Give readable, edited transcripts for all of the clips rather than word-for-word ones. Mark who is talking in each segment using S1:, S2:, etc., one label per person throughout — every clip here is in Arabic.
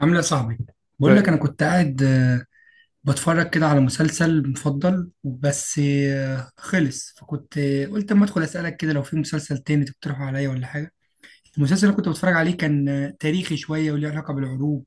S1: عامل ايه يا صاحبي؟ بقول لك
S2: طيب.
S1: انا كنت قاعد بتفرج كده على مسلسل مفضل بس. خلص فكنت قلت اما ادخل اسالك كده لو في مسلسل تاني تقترحه عليا ولا حاجه. المسلسل اللي كنت بتفرج عليه كان تاريخي شويه وليه علاقه بالحروب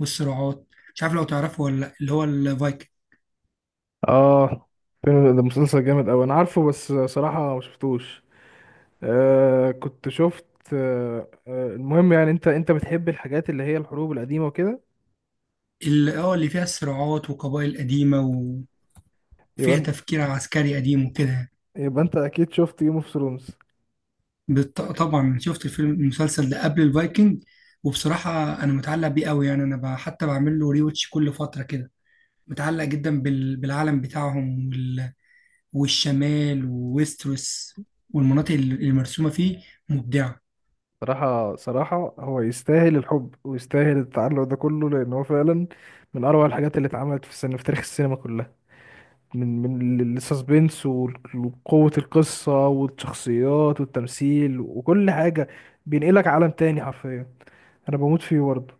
S1: والصراعات. مش عارف لو تعرفه ولا لأ، اللي هو الفايكنج.
S2: اه فيلم ده مسلسل جامد اوي انا عارفه، بس صراحة ما شفتوش. كنت شفت. المهم، يعني انت بتحب الحاجات اللي هي الحروب القديمة وكده.
S1: اللي فيها الصراعات وقبائل قديمه
S2: يبقى
S1: وفيها
S2: انت
S1: تفكير عسكري قديم وكده يعني.
S2: يبقى انت اكيد شفت جيم اوف ثرونز.
S1: طبعا شفت الفيلم المسلسل ده قبل الفايكنج. وبصراحة أنا متعلق بيه قوي يعني أنا حتى بعمل له ريوتش كل فترة كده. متعلق جدا بالعالم بتاعهم والشمال وويستروس والمناطق المرسومة فيه. مبدعة.
S2: صراحة هو يستاهل الحب ويستاهل التعلق ده كله، لان هو فعلا من اروع الحاجات اللي اتعملت في السينما، في تاريخ السينما كلها. من من السسبنس وقوة القصة والشخصيات والتمثيل وكل حاجة، بينقلك عالم تاني حرفيا. انا بموت فيه برضه.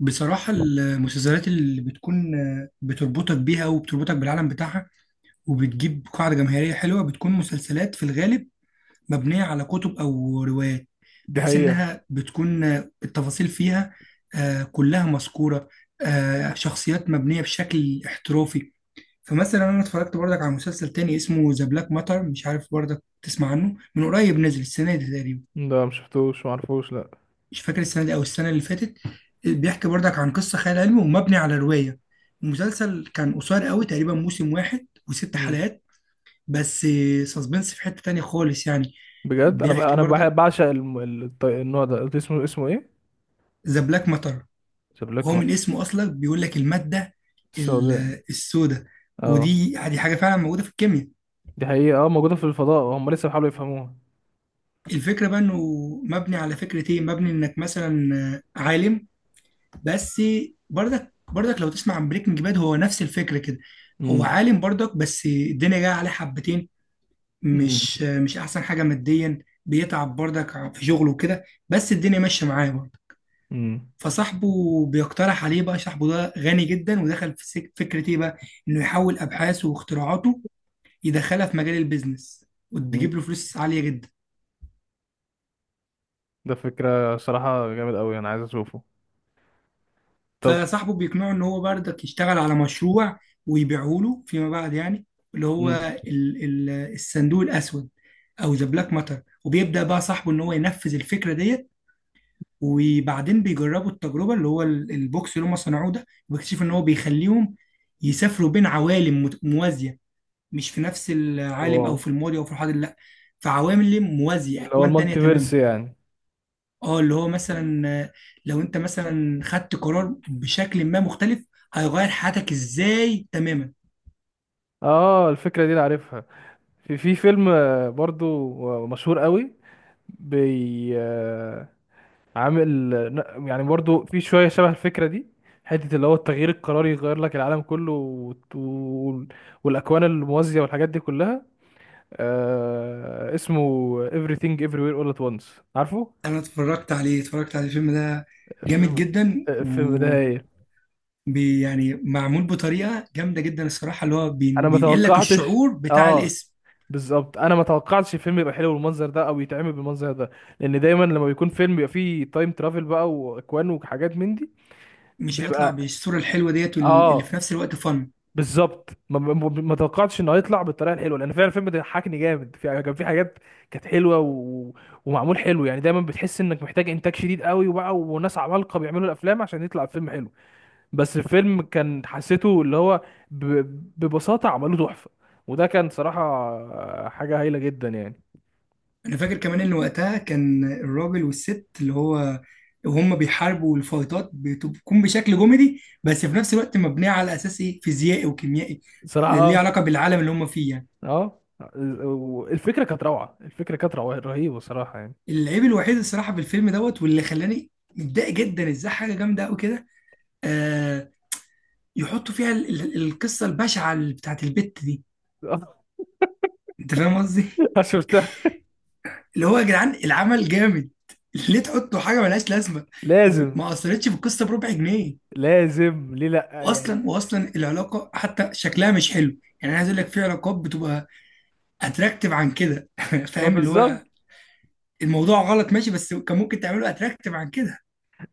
S1: بصراحة المسلسلات اللي بتكون بتربطك بيها وبتربطك بالعالم بتاعها وبتجيب قاعدة جماهيرية حلوة بتكون مسلسلات في الغالب مبنية على كتب أو روايات،
S2: دي
S1: بحيث
S2: حقيقة.
S1: إنها بتكون التفاصيل فيها كلها مذكورة، شخصيات مبنية بشكل احترافي. فمثلا أنا اتفرجت برضك على مسلسل تاني اسمه ذا بلاك ماتر، مش عارف برضك تسمع عنه من قريب، نزل السنة دي تقريبا،
S2: ده مشفتوش معرفوش، لأ.
S1: مش فاكر السنة دي أو السنة اللي فاتت. بيحكي برضك عن قصة خيال علمي ومبني على رواية. المسلسل كان قصير قوي، تقريبا موسم واحد وست
S2: مم.
S1: حلقات بس. سسبنس في حتة تانية خالص يعني.
S2: بجد أنا
S1: بيحكي
S2: أنا
S1: برضك
S2: بعشق النوع ده. قلت اسمه، اسمه إيه؟
S1: ذا بلاك ماتر، وهو
S2: شبلكمة
S1: من اسمه اصلا بيقول لك الماده
S2: السوداء.
S1: السوداء.
S2: اه
S1: ودي حاجه فعلا موجوده في الكيمياء.
S2: دي حقيقة، اه موجودة في الفضاء، هم لسه بيحاولوا يفهموها.
S1: الفكره بقى انه مبني على فكره ايه، مبني انك مثلا عالم. بس برضك لو تسمع عن بريكنج باد، هو نفس الفكره كده. هو
S2: امم
S1: عالم برضك بس الدنيا جايه عليه حبتين،
S2: امم
S1: مش احسن حاجه ماديا. بيتعب برضك في شغله وكده بس الدنيا ماشيه معاه برضه.
S2: مم.
S1: فصاحبه بيقترح عليه، بقى صاحبه ده غني جدا ودخل في فكره ايه بقى، انه يحول ابحاثه واختراعاته، يدخلها في مجال البيزنس
S2: امم
S1: وتجيب له فلوس عالية جدا.
S2: ده فكرة صراحة جامد أوي، أنا عايز أشوفه. طب
S1: فصاحبه بيقنعه ان هو بردك يشتغل على مشروع ويبيعه له فيما بعد يعني، اللي هو
S2: أمم.
S1: ال ال الصندوق الاسود او ذا بلاك ماتر. وبيبدأ بقى صاحبه ان هو ينفذ الفكرة ديت، وبعدين بيجربوا التجربة اللي هو البوكس اللي هم صنعوه ده، وبيكتشفوا ان هو بيخليهم يسافروا بين عوالم موازية. مش في نفس العالم
S2: واو.
S1: او في الماضي او في الحاضر، لا، في عوالم موازية،
S2: اللي هو
S1: اكوان تانية
S2: المالتيفيرس
S1: تماما.
S2: يعني.
S1: اه اللي هو مثلا لو انت مثلا خدت قرار بشكل ما مختلف، هيغير حياتك ازاي تماما.
S2: اه الفكرة دي أنا عارفها. في فيلم برضو، مشهور أوي. بي عامل يعني برضو في شوية شبه الفكرة دي، حتة اللي هو التغيير القراري يغير لك العالم كله، والأكوان الموازية والحاجات دي كلها. آه اسمه Everything Everywhere All at Once، عارفه؟
S1: انا اتفرجت على الفيلم ده. جامد
S2: الفيلم
S1: جدا. و
S2: الفيلم ده هي.
S1: يعني معمول بطريقه جامده جدا الصراحه، اللي هو
S2: أنا ما
S1: بينقل لك
S2: توقعتش.
S1: الشعور بتاع
S2: آه
S1: الاسم.
S2: بالظبط أنا ما توقعتش الفيلم يبقى حلو بالمنظر ده أو يتعمل بالمنظر ده، لأن دايما لما بيكون فيلم بيبقى فيه تايم ترافل بقى وأكوان وحاجات من دي.
S1: مش هيطلع
S2: بيبقى
S1: بالصوره الحلوه ديت اللي
S2: آه
S1: في نفس الوقت فن.
S2: بالظبط، ما توقعتش انه هيطلع بالطريقه الحلوه، لان فعلا الفيلم ده ضحكني جامد، في كان في حاجات كانت حلوه ومعمول حلو. يعني دايما بتحس انك محتاج انتاج شديد قوي وبقى وناس عمالقه بيعملوا الافلام عشان يطلع الفيلم حلو، بس الفيلم كان حسيته اللي هو ب... ببساطه عملوه تحفه، وده كان صراحه حاجه هايله جدا يعني.
S1: انا فاكر كمان ان وقتها كان الراجل والست، اللي هو وهم بيحاربوا الفايتات، بتكون بشكل كوميدي بس في نفس الوقت مبنيه على اساس ايه فيزيائي وكيميائي،
S2: صراحه
S1: ليه
S2: اه.
S1: علاقه بالعالم اللي هم فيه يعني.
S2: اه الفكره كانت روعه، الفكره كانت روعه رهيبه صراحه يعني.
S1: العيب الوحيد الصراحه في الفيلم دوت، واللي خلاني متضايق جدا، ازاي حاجه جامده قوي كده آه يحطوا فيها القصه البشعه بتاعت البت دي. انت فاهم قصدي.
S2: شفتها.
S1: اللي هو يا جدعان، العمل جامد، ليه تحطوا حاجه ملهاش لازمه؟
S2: لازم.
S1: ما اثرتش في القصه بربع جنيه.
S2: لازم ليه لا يعني.
S1: واصلا العلاقه حتى شكلها مش حلو. يعني انا عايز اقول لك، في علاقات بتبقى اتراكتيف عن كده
S2: ما
S1: فاهم اللي هو
S2: بالظبط.
S1: الموضوع غلط ماشي، بس كان ممكن تعمله اتراكتيف عن كده.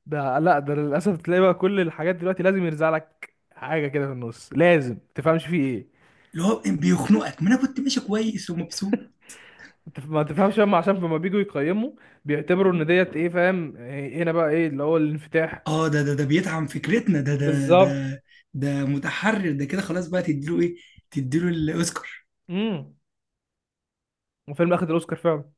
S2: ده لا، ده للاسف تلاقي بقى كل الحاجات دلوقتي لازم يرزع لك حاجه كده في النص لازم تفهمش فيه ايه.
S1: اللي هو بيخنقك، ما انا كنت ماشي كويس ومبسوط.
S2: ما تفهمش، هم عشان لما بييجوا يقيموا بيعتبروا ان ديت ايه، فاهم إيه هنا بقى، ايه اللي هو الانفتاح.
S1: اه ده بيدعم فكرتنا ده ده
S2: بالظبط.
S1: ده ده متحرر، ده كده خلاص بقى تديله ايه؟ تديله الاوسكار.
S2: امم. وفيلم اخد الاوسكار فعلا.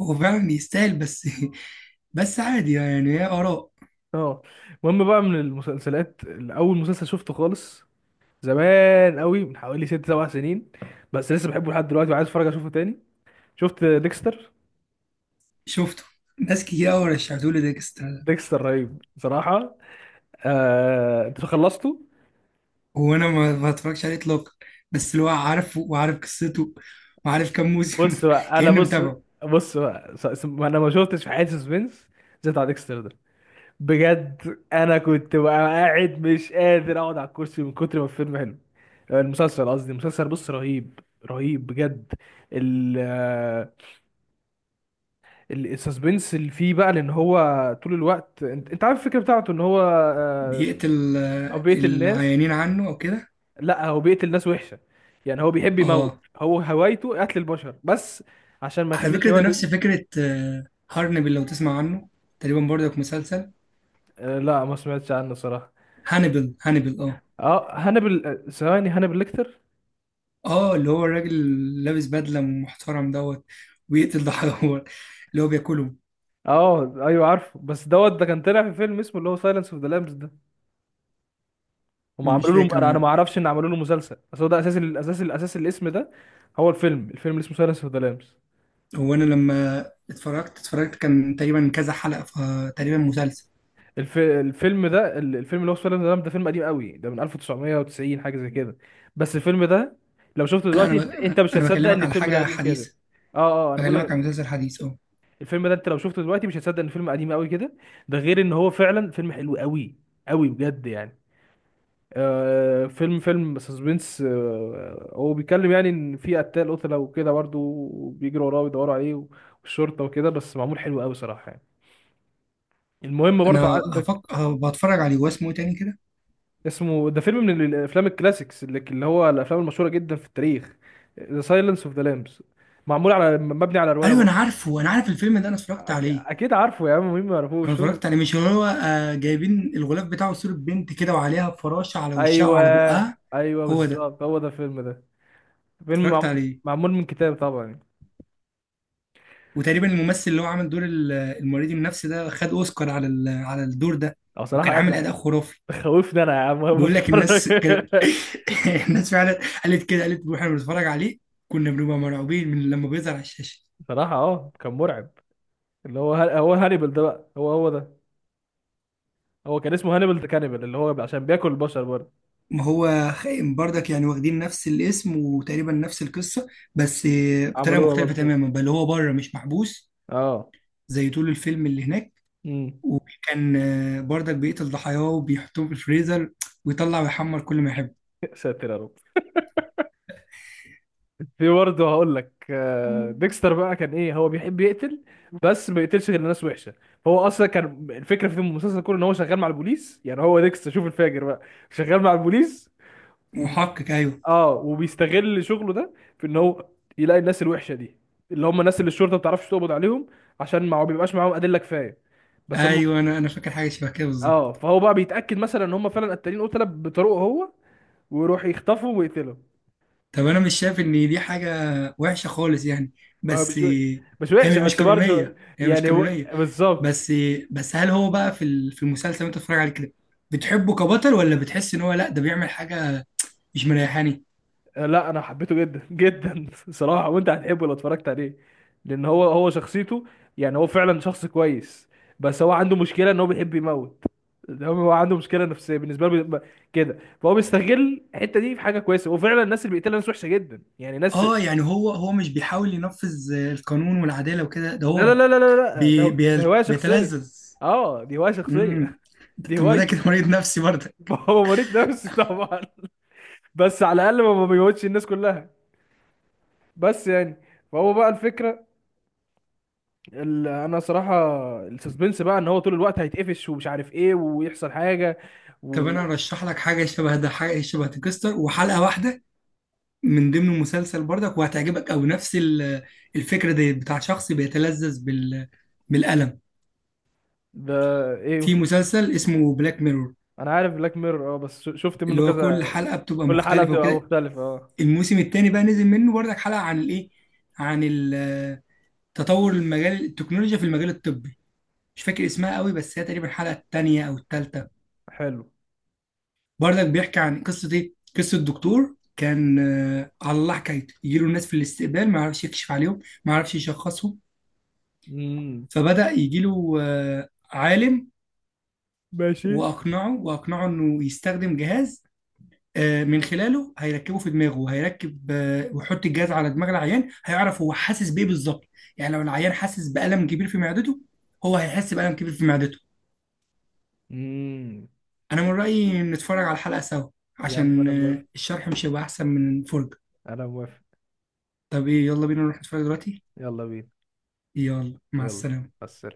S1: هو فعلا يستاهل بس بس عادي يعني، هي اراء.
S2: اه. المهم بقى، من المسلسلات اللي اول مسلسل شفته خالص زمان قوي من حوالي ست سبع سنين، بس لسه بحبه لحد دلوقتي وعايز اتفرج اشوفه تاني، شفت ديكستر.
S1: شفته. ناس كتير قوي رشحتولي ديكستر،
S2: ديكستر رهيب بصراحه. آه... انت خلصته؟
S1: وانا ما اتفرجش عليه اطلاقا، بس اللي هو عارفه وعارف قصته وعارف كام موسم كأني
S2: بص.
S1: متابعه.
S2: بص بقى. س- س- ما انا ما شفتش في حياتي سسبنس زي بتاع ديكستر ده. بجد انا كنت بقى قاعد مش قادر اقعد على الكرسي من كتر ما الفيلم حلو، المسلسل قصدي، المسلسل بص رهيب، رهيب بجد. ال آه، السسبنس اللي فيه بقى، لان هو طول الوقت انت عارف الفكره بتاعته ان هو آه،
S1: بيقتل
S2: او بيقتل الناس.
S1: العيانين عنه او كده.
S2: لا هو بيقتل ناس وحشه، يعني هو بيحب يموت،
S1: اه
S2: هو هوايته قتل البشر بس، عشان ما
S1: على
S2: يخليش
S1: فكره، ده نفس
S2: هوايته.
S1: فكره هارنبل لو تسمع عنه، تقريبا برضك مسلسل.
S2: آه، لا ما سمعتش عنه صراحة.
S1: هانيبال هانيبال اه.
S2: اه هانبل، آه، ثواني، هانبل ليكتر.
S1: اه اللي هو الراجل اللي لابس بدله محترم دوت، ويقتل ده حيوان اللي هو بياكله.
S2: اه ايوه عارفه، بس دوت ده كان طلع في فيلم اسمه اللي هو سايلنس اوف ذا لامبس ده، هم
S1: مش
S2: عملوا له،
S1: فاكر
S2: أنا
S1: أنا.
S2: ما اعرفش ان عملوا له مسلسل، بس هو ده اساس، الاساس الاسم ده، هو الفيلم، الفيلم اللي اسمه سايلنس اوف ذا لامبس.
S1: هو انا لما اتفرجت كان تقريبا كذا حلقه، فتقريبا مسلسل.
S2: الفيلم ده، الفيلم اللي هو سايلنس اوف ذا لامبس ده، فيلم قديم قوي، ده من 1990 حاجة زي كده. بس الفيلم ده لو شفته
S1: لا انا
S2: دلوقتي أنت مش هتصدق ان
S1: بكلمك على
S2: الفيلم ده
S1: حاجه
S2: قديم كده.
S1: حديثه،
S2: اه. اه انا بقول
S1: بكلمك على
S2: لك،
S1: مسلسل حديث اه.
S2: الفيلم ده انت لو شفته دلوقتي مش هتصدق ان فيلم قديم قوي كده، ده غير ان هو فعلا فيلم حلو قوي، قوي بجد يعني. آه فيلم، فيلم سسبنس، آه هو بيتكلم يعني ان في قتال قتله وكده برضه وبيجروا وراه ويدوروا عليه والشرطه وكده، بس معمول حلو قوي صراحه يعني. المهم
S1: انا
S2: برضه عندك.
S1: بتفرج عليه، واسمه إيه تاني كده؟
S2: اسمه ده فيلم من الافلام الكلاسيكس، اللي هو الافلام المشهوره جدا في التاريخ، ذا سايلنس اوف ذا لامبس، معمول على مبني على روايه
S1: ايوه انا
S2: برضه.
S1: عارف الفيلم ده، انا اتفرجت عليه.
S2: اكيد عارفه يا عم، مين ما
S1: انا
S2: يعرفوش.
S1: اتفرجت عليه، مش هو جايبين الغلاف بتاعه صوره بنت كده وعليها فراشه على وشها
S2: ايوه،
S1: وعلى بقها.
S2: ايوه
S1: هو ده.
S2: بالظبط، هو ده الفيلم ده. فيلم
S1: اتفرجت عليه،
S2: معمول من كتاب طبعا يعني.
S1: وتقريبا الممثل اللي هو عامل دور المريض النفسي ده خد اوسكار على الدور ده.
S2: او صراحه
S1: وكان عامل اداء
S2: قعد
S1: خرافي.
S2: خوفني انا يا عم وانا
S1: بقول لك
S2: بتفرج.
S1: الناس كانت الناس فعلا قالت كده، قالت واحنا بنتفرج عليه كنا بنبقى مرعوبين من لما بيظهر على الشاشه.
S2: صراحه اه كان مرعب. اللي هو هانيبال ده بقى، هو ده، هو كان اسمه هانيبال ده كانيبال اللي هو عشان بياكل البشر برضه.
S1: ما هو خائن برضك يعني، واخدين نفس الاسم وتقريبا نفس القصه، بس بطريقه
S2: عملوها بقى
S1: مختلفه
S2: مسلسل.
S1: تماما، بل هو بره مش محبوس
S2: اه.
S1: زي طول الفيلم اللي هناك.
S2: امم.
S1: وكان برضك بيقتل ضحاياه وبيحطهم في الفريزر، ويطلع ويحمر كل ما يحب.
S2: ساتر يا رب. في برضه هقول لك، آه، مم. ديكستر بقى كان ايه، هو بيحب يقتل، بس ما بيقتلش غير الناس وحشه، فهو اصلا كان الفكره في المسلسل كله ان هو شغال مع البوليس، يعني هو ديكستر شوف الفاجر بقى، شغال مع البوليس و...
S1: محقق ايوه.
S2: اه، وبيستغل شغله ده في ان هو يلاقي الناس الوحشه دي، اللي هم الناس اللي الشرطه ما بتعرفش تقبض عليهم عشان ما بيبقاش معاهم ادله كفايه، بس هم
S1: ايوه انا فاكر حاجه شبه كده
S2: اه.
S1: بالظبط.
S2: فهو بقى بيتاكد مثلا ان هم فعلا قتالين قتله بطريقه هو، ويروح يخطفهم ويقتلهم.
S1: طب انا مش شايف ان دي حاجه وحشه خالص يعني،
S2: ما هو
S1: بس
S2: مش، مش وحشه
S1: هي مش
S2: بس برضه،
S1: قانونيه، هي مش
S2: يعني هو-
S1: قانونيه.
S2: بالظبط.
S1: بس هل هو بقى في في المسلسل اللي انت بتتفرج عليه كده بتحبه كبطل، ولا بتحس ان هو لا ده بيعمل حاجه مش مريحاني؟
S2: آه، لا انا حبيته جدا جدا صراحه، وانت هتحبه لو اتفرجت عليه، لان هو، هو شخصيته يعني هو فعلا شخص كويس، بس هو عنده مشكله ان هو بيحب يموت، ده هو عنده مشكله نفسيه بالنسبه له، كده، فهو بيستغل الحته دي في حاجه كويسه، وفعلا الناس اللي بيقتلها ناس وحشه جدا، يعني ناس.
S1: اه يعني هو مش بيحاول ينفذ القانون والعداله وكده، ده
S2: لا لا
S1: هو
S2: لا لا لا لا ده هوايه شخصيه.
S1: بيتلذذ.
S2: اه دي هوايه شخصيه.
S1: امم.
S2: دي
S1: طب ما ده
S2: هوايته.
S1: كده مريض نفسي برضه.
S2: هو مريض نفسي طبعا، بس على الاقل ما بيموتش الناس كلها بس يعني. فهو بقى الفكره، انا صراحه السسبنس بقى ان هو طول الوقت هيتقفش ومش عارف ايه ويحصل حاجه
S1: طب
S2: و
S1: انا ارشح لك حاجه شبه ده، حاجه شبه تكستر، وحلقه واحده من ضمن المسلسل برضك وهتعجبك أوي، نفس الفكرة دي بتاع شخص بيتلذذ بالألم،
S2: ده
S1: في
S2: ايه.
S1: مسلسل اسمه بلاك ميرور.
S2: انا عارف بلاك ميرور اه، بس شفت منه
S1: اللي هو كل
S2: كذا.
S1: حلقة بتبقى
S2: كل حلقه
S1: مختلفة
S2: بتبقى
S1: وكده.
S2: مختلفه اه.
S1: الموسم التاني بقى نزل منه برضك حلقة عن الإيه، عن تطور المجال التكنولوجيا في المجال الطبي. مش فاكر اسمها قوي بس هي تقريبا الحلقة التانية أو التالتة.
S2: حلو.
S1: برضك بيحكي عن قصة إيه، قصة دكتور كان على الله حكايته، يجيله الناس في الاستقبال ما يعرفش يكشف عليهم، ما يعرفش يشخصهم.
S2: امم.
S1: فبدأ يجي له عالم،
S2: ماشي.
S1: وأقنعه إنه يستخدم جهاز، من خلاله هيركبه في دماغه وهيركب، ويحط الجهاز على دماغ العيان، هيعرف هو حاسس بإيه بالظبط. يعني لو العيان حاسس بألم كبير في معدته، هو هيحس بألم كبير في معدته.
S2: امم.
S1: أنا من رأيي نتفرج على الحلقة سوا
S2: يا عم
S1: عشان
S2: انا موافق،
S1: الشرح مش هيبقى أحسن من الفرجة.
S2: انا موافق.
S1: طب إيه، يلا بينا نروح نتفرج دلوقتي.
S2: يلا بينا.
S1: يلا مع
S2: يلا.
S1: السلامة.
S2: بس.